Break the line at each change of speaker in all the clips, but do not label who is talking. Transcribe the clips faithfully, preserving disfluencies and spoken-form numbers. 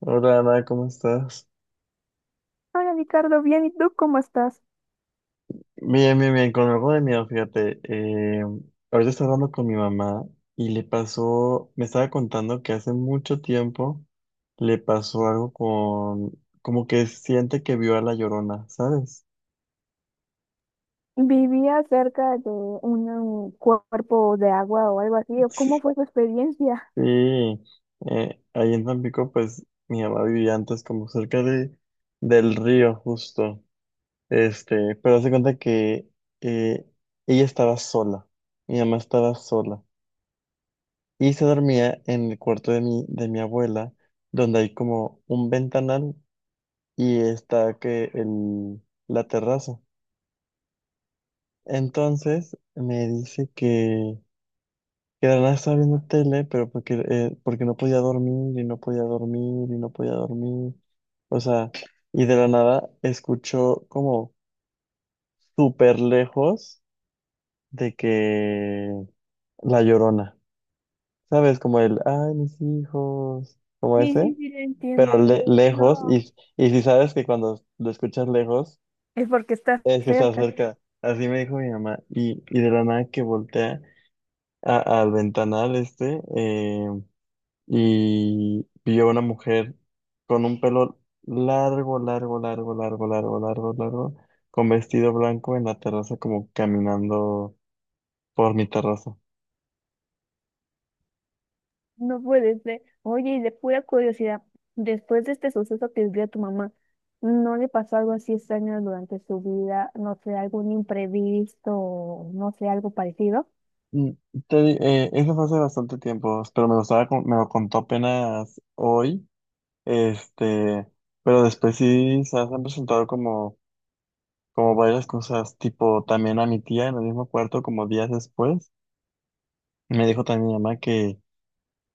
Hola Ana, ¿cómo estás?
Hola Ricardo, bien, ¿y tú cómo estás?
Bien, bien, bien, con algo de miedo, fíjate. Eh, ahorita estaba hablando con mi mamá y le pasó, me estaba contando que hace mucho tiempo le pasó algo con, como que siente que vio a la Llorona, ¿sabes?
¿Vivía cerca de un cuerpo de agua o algo así? ¿O cómo fue su experiencia?
Sí, eh, ahí en Tampico, pues mi mamá vivía antes como cerca de, del río, justo. Este, pero hace cuenta que eh, ella estaba sola, mi mamá estaba sola. Y se dormía en el cuarto de mi, de mi abuela, donde hay como un ventanal y está que el, la terraza. Entonces me dice que, que de la nada estaba viendo tele, pero porque, eh, porque no podía dormir y no podía dormir y no podía dormir. O sea, y de la nada escuchó como súper lejos de que la llorona, ¿sabes? Como el, ay, mis hijos, como
Sí,
ese.
sí, sí, lo
Pero
entiendo.
le- lejos,
No,
y, y si sabes que cuando lo escuchas lejos,
es porque estás
es que está
cerca,
cerca. Así me dijo mi mamá, y, y de la nada que voltea a- al ventanal este, eh, y vio una mujer con un pelo largo, largo, largo, largo, largo, largo, largo, con vestido blanco en la terraza, como caminando por mi terraza.
no puede ser. Oye, y de pura curiosidad, después de este suceso que vivió tu mamá, ¿no le pasó algo así extraño durante su vida? No sé, algún imprevisto, o no sé, algo parecido.
Mm, Te, di- eh, eso fue hace bastante tiempo, pero me lo, estaba, con- me lo contó apenas hoy. Este, pero después sí se han presentado como, como varias cosas, tipo también a mi tía en el mismo cuarto, como días después, me dijo también mi mamá que,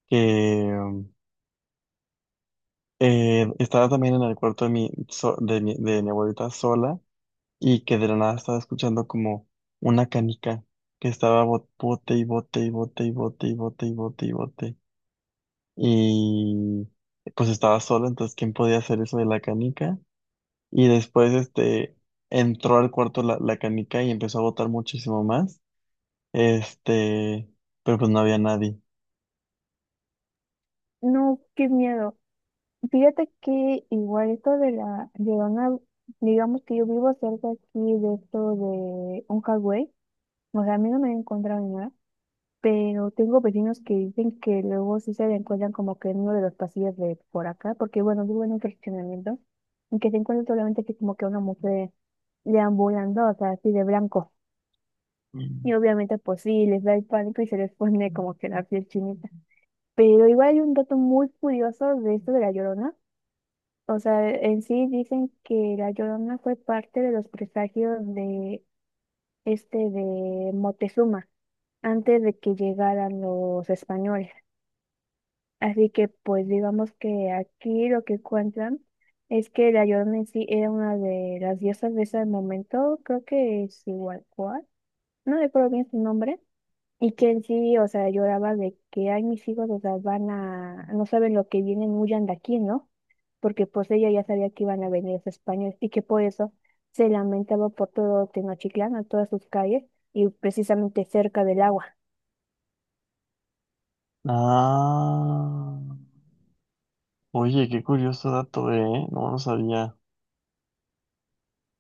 que um, eh, estaba también en el cuarto de mi, so- de mi, de mi abuelita sola y que de la nada estaba escuchando como una canica que estaba bot- bote y bote y bote y bote y bote y bote y bote. Y pues estaba sola, entonces ¿quién podía hacer eso de la canica? Y después este, entró al cuarto la, la canica y empezó a botar muchísimo más. Este, pero pues no había nadie.
No, qué miedo. Fíjate que igual esto de la Llorona, digamos que yo vivo cerca aquí de esto de un highway, o sea, a mí no me he encontrado ni nada, pero tengo vecinos que dicen que luego sí se la encuentran como que en uno de los pasillos de por acá, porque bueno, vivo en un fraccionamiento, y que se encuentra solamente así como que una mujer deambulando, o sea, así de blanco.
Mm.
Y obviamente pues sí, les da el pánico y se les pone como que la piel chinita. Pero igual hay un dato muy curioso de esto de la Llorona. O sea, en sí dicen que la Llorona fue parte de los presagios de este de Moctezuma antes de que llegaran los españoles. Así que pues digamos que aquí lo que cuentan es que la Llorona en sí era una de las diosas de ese momento, creo que es igual cual, no recuerdo bien su nombre, y que en sí, o sea, lloraba de que, ay, mis hijos, o sea, van a, no saben lo que vienen, huyan de aquí, ¿no? Porque pues ella ya sabía que iban a venir los españoles y que por eso se lamentaba por todo Tenochtitlán, a todas sus calles y precisamente cerca del agua.
Ah, oye, qué curioso dato, ¿eh? No lo sabía.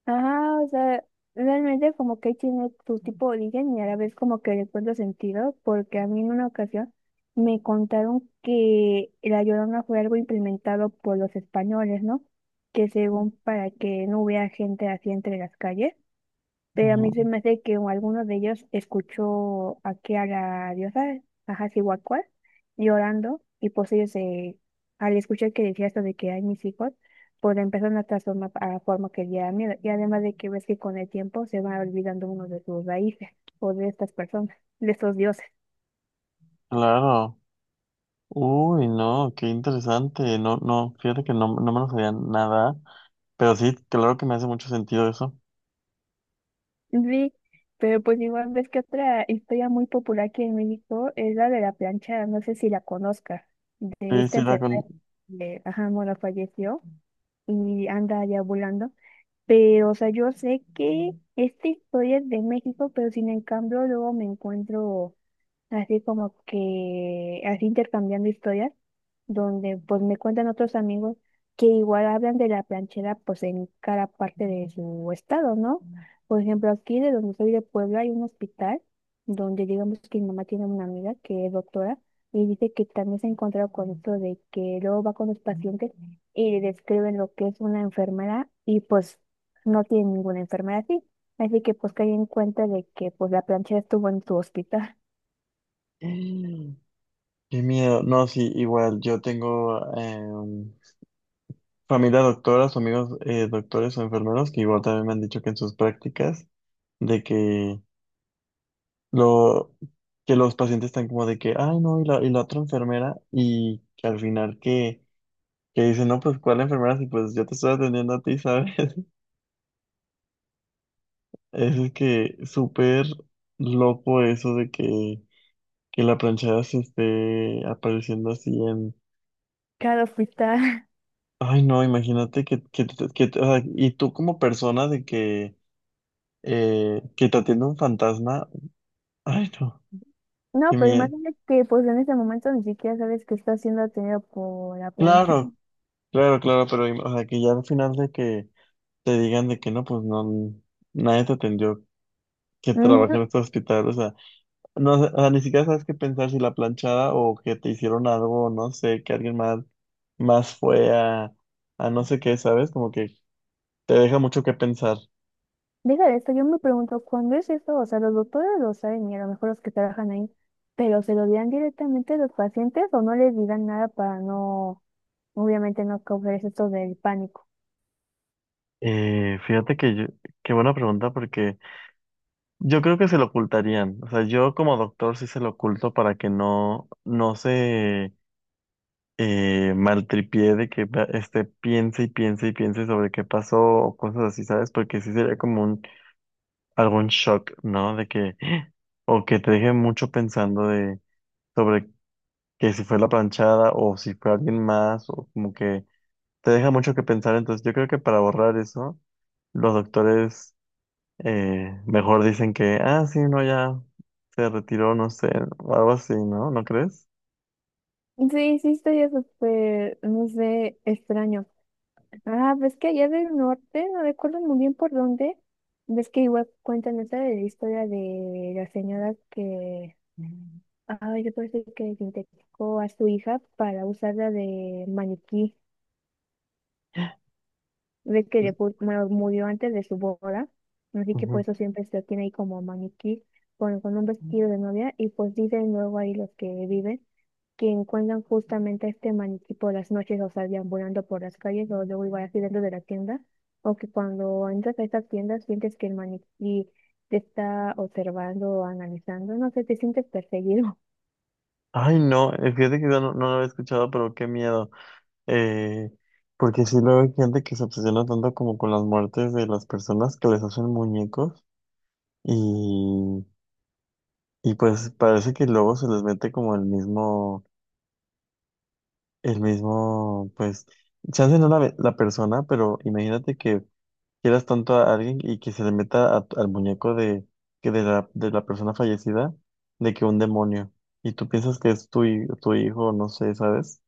Ajá, o sea, realmente como que tiene su tipo de origen y a la vez como que le encuentro sentido, porque a mí en una ocasión me contaron que la Llorona fue algo implementado por los españoles, ¿no? Que según para que no hubiera gente así entre las calles. Pero a mí se
Ujú.
me hace que alguno de ellos escuchó aquí a la diosa, a Hacihuacuas, llorando, y pues ellos, eh, al escuchar que decía esto de que hay mis hijos, pues le empezaron a transformar a la forma que le da miedo. Y además de que ves que con el tiempo se va olvidando uno de sus raíces, o de estas personas, de estos dioses.
Claro. Uy, no, qué interesante. No, no, fíjate que no, no me lo sabía nada. Pero sí, claro que me hace mucho sentido eso.
Sí, pero pues igual ves que otra historia muy popular aquí en México es la de la plancha, no sé si la conozcas, de
Sí, sí,
esta
era con...
enfermera que, ajá, bueno, falleció y anda ya volando. Pero, o sea, yo sé que esta historia es de México, pero sin en cambio luego me encuentro así como que así intercambiando historias, donde pues me cuentan otros amigos que igual hablan de la planchera pues en cada parte de su estado, ¿no? Por ejemplo, aquí de donde soy de Puebla hay un hospital donde digamos que mi mamá tiene una amiga que es doctora y dice que también se ha encontrado con esto de que luego va con los pacientes y le describen lo que es una enfermera y pues no tiene ninguna enfermera así. Así que pues caí en cuenta de que pues la planchera estuvo en su hospital.
Qué miedo. No, sí, igual, yo tengo... em, familia doctoras, o amigos eh, doctores o enfermeros que igual también me han dicho que en sus prácticas de que lo que los pacientes están como de que, ay no, y la, y la otra enfermera y que al final que, que dicen, no, pues ¿cuál enfermera? Si pues yo te estoy atendiendo a ti, ¿sabes? Es que súper loco eso de que, que la planchada se esté apareciendo así en,
Claro, frita.
ay no, imagínate que, que, que, o sea, y tú como persona de que eh, que te atiende un fantasma. Ay, no,
No,
qué
pero
miedo.
imagínate que pues en este momento ni siquiera sabes que está siendo atendido por la plancha.
Claro, claro, claro, pero im- o sea, que ya al final de que te digan de que no, pues no, nadie te atendió que
Ujú.
trabajé en este hospital, o sea, no, sé, o sea, ni siquiera sabes qué pensar si la planchada o que te hicieron algo, no sé, que alguien más, más fue a, a no sé qué, ¿sabes? Como que te deja mucho que pensar.
Deja de esto, yo me pregunto, ¿cuándo es esto? O sea, los doctores lo saben y a lo mejor los que trabajan ahí, pero ¿se lo dirán directamente a los pacientes o no les dirán nada para no, obviamente no causar esto del pánico?
Eh, fíjate que yo, qué buena pregunta, porque yo creo que se lo ocultarían, o sea, yo como doctor sí se lo oculto para que no, no se eh, maltripié de que va- este, piense y piense y piense sobre qué pasó o cosas así, ¿sabes? Porque sí sería como un, algún shock, ¿no? De que, ¡Ah! O que te deje mucho pensando de, sobre que si fue la planchada o si fue alguien más, o como que te deja mucho que pensar. Entonces yo creo que para borrar eso, los doctores eh, mejor dicen que, ah, sí, no, ya se retiró, no sé, o algo así, ¿no? ¿No crees?
Sí, sí, estoy súper, no sé, extraño. Ah, ves que allá del norte, no recuerdo muy bien por dónde, ves que igual cuentan esa de la historia de la señora que, ah, yo parece que sintetizó a su hija para usarla de maniquí, ve que le pu- bueno, murió antes de su boda, así que por
Ujú.
eso siempre se la tiene ahí como maniquí, con, con un vestido de novia, y pues dicen luego ahí los que viven, que encuentran justamente este maniquí por las noches, o sea, deambulando por las calles o luego igual así dentro de la tienda, o que cuando entras a estas tiendas sientes que el maniquí te está observando o analizando, no sé, te sientes perseguido.
Ay, no, eh, fíjate que yo no, no lo había escuchado, pero qué miedo. Eh, Porque sí luego hay gente que se obsesiona tanto como con las muertes de las personas que les hacen muñecos y, y pues parece que luego se les mete como el mismo, el mismo, pues, chance no la, ve- la persona, pero imagínate que quieras tanto a alguien y que se le meta a- al muñeco de, que de la, de la persona fallecida, de que un demonio. Y tú piensas que es tu, hi- tu hijo, no sé, ¿sabes?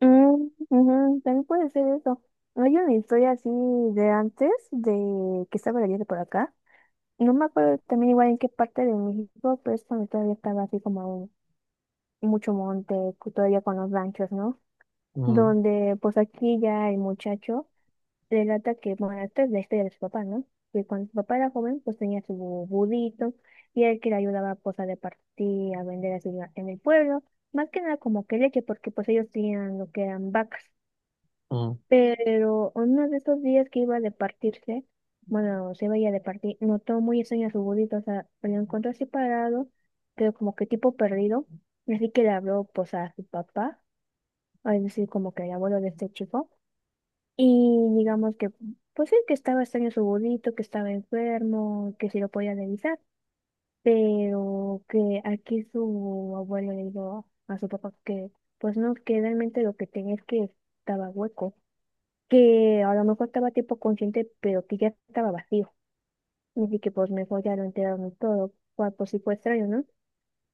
Mm, ujú, también puede ser eso. Hay una historia así de antes, de que estaba leyendo por acá. No me acuerdo también igual en qué parte de México, pero es cuando todavía estaba así como mucho monte, cu- todavía con los ranchos, ¿no?
Ujú,
Donde pues aquí ya el muchacho relata que, bueno, esta es la historia de su papá, ¿no? Que cuando su papá era joven, pues tenía su budito y él que le ayudaba pues a repartir, a vender así la- en el pueblo, más que nada como que leche, porque pues ellos tenían lo que eran vacas.
ujú.
Pero uno de esos días que iba a departirse, bueno, se veía a ir a departir, notó muy extraño a su budito, o sea, lo encontró así parado, pero como que tipo perdido, así que le habló pues a su papá, es decir, como que el abuelo de este chico y digamos que, pues sí, que estaba extraño su abuelito, que estaba enfermo, que si lo podía revisar, pero que aquí su abuelo le dijo a su papá que, pues no, que realmente lo que tenía es que estaba hueco, que a lo mejor estaba tipo consciente, pero que ya estaba vacío. Así que pues mejor ya lo enteraron todo, cual pues sí fue extraño, ¿no?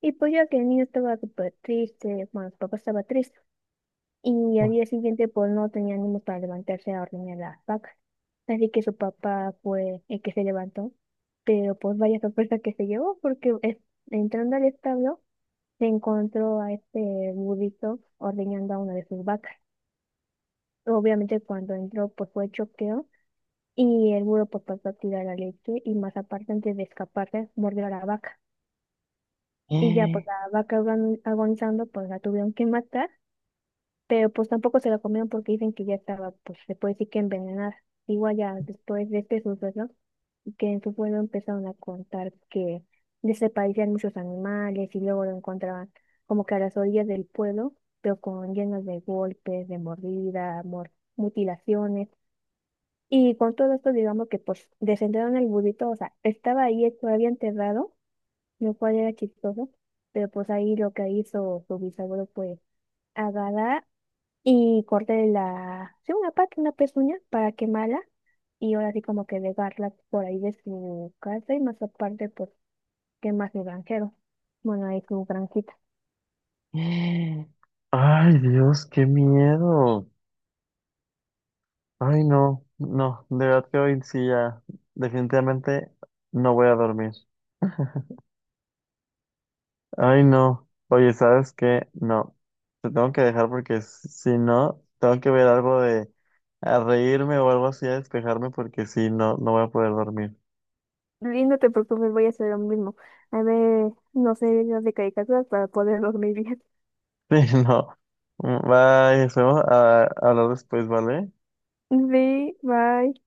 Y pues ya que el niño estaba súper triste, bueno, su papá estaba triste y al día siguiente pues no tenía ánimo para levantarse a ordeñar las vacas. Así que su papá fue el que se levantó, pero pues vaya sorpresa que se llevó porque es- entrando al establo se encontró a este burrito ordeñando a una de sus vacas. Obviamente cuando entró pues fue choqueo y el burro pues pasó a tirar la leche y más aparte antes de escaparse mordió a la vaca. Y ya pues la vaca agon- agonizando pues la tuvieron que matar pero pues tampoco se la comieron porque dicen que ya estaba, pues se puede decir que envenenada. Igual ya después de este suceso, que en su pueblo empezaron a contar que desaparecían muchos animales y luego lo encontraban como que a las orillas del pueblo, pero con llenos de golpes, de mordida, mor- mutilaciones. Y con todo esto, digamos que pues descendieron al burrito, o sea, estaba ahí todavía enterrado, lo cual era chistoso, pero pues ahí lo que hizo su bisabuelo fue agarrar y corté la, sí, una pata, una pezuña para quemarla y ahora sí como que dejarla por ahí de su casa y más aparte pues quemar su granjero. Bueno, ahí su granjita.
Ay, Dios, qué miedo. Ay, no, no, de verdad que hoy sí ya, definitivamente no voy a dormir. Ay, no. Oye, ¿sabes qué? No, te tengo que dejar porque s- si no, tengo que ver algo de a reírme o algo así a despejarme porque si no, no voy a poder dormir.
Y no te preocupes, voy a hacer lo mismo. A ver, no sé, videos de caricaturas para poder dormir bien.
Sí, no. Mm, bye, esperemos a, a hablar después, ¿vale?
Sí, bye.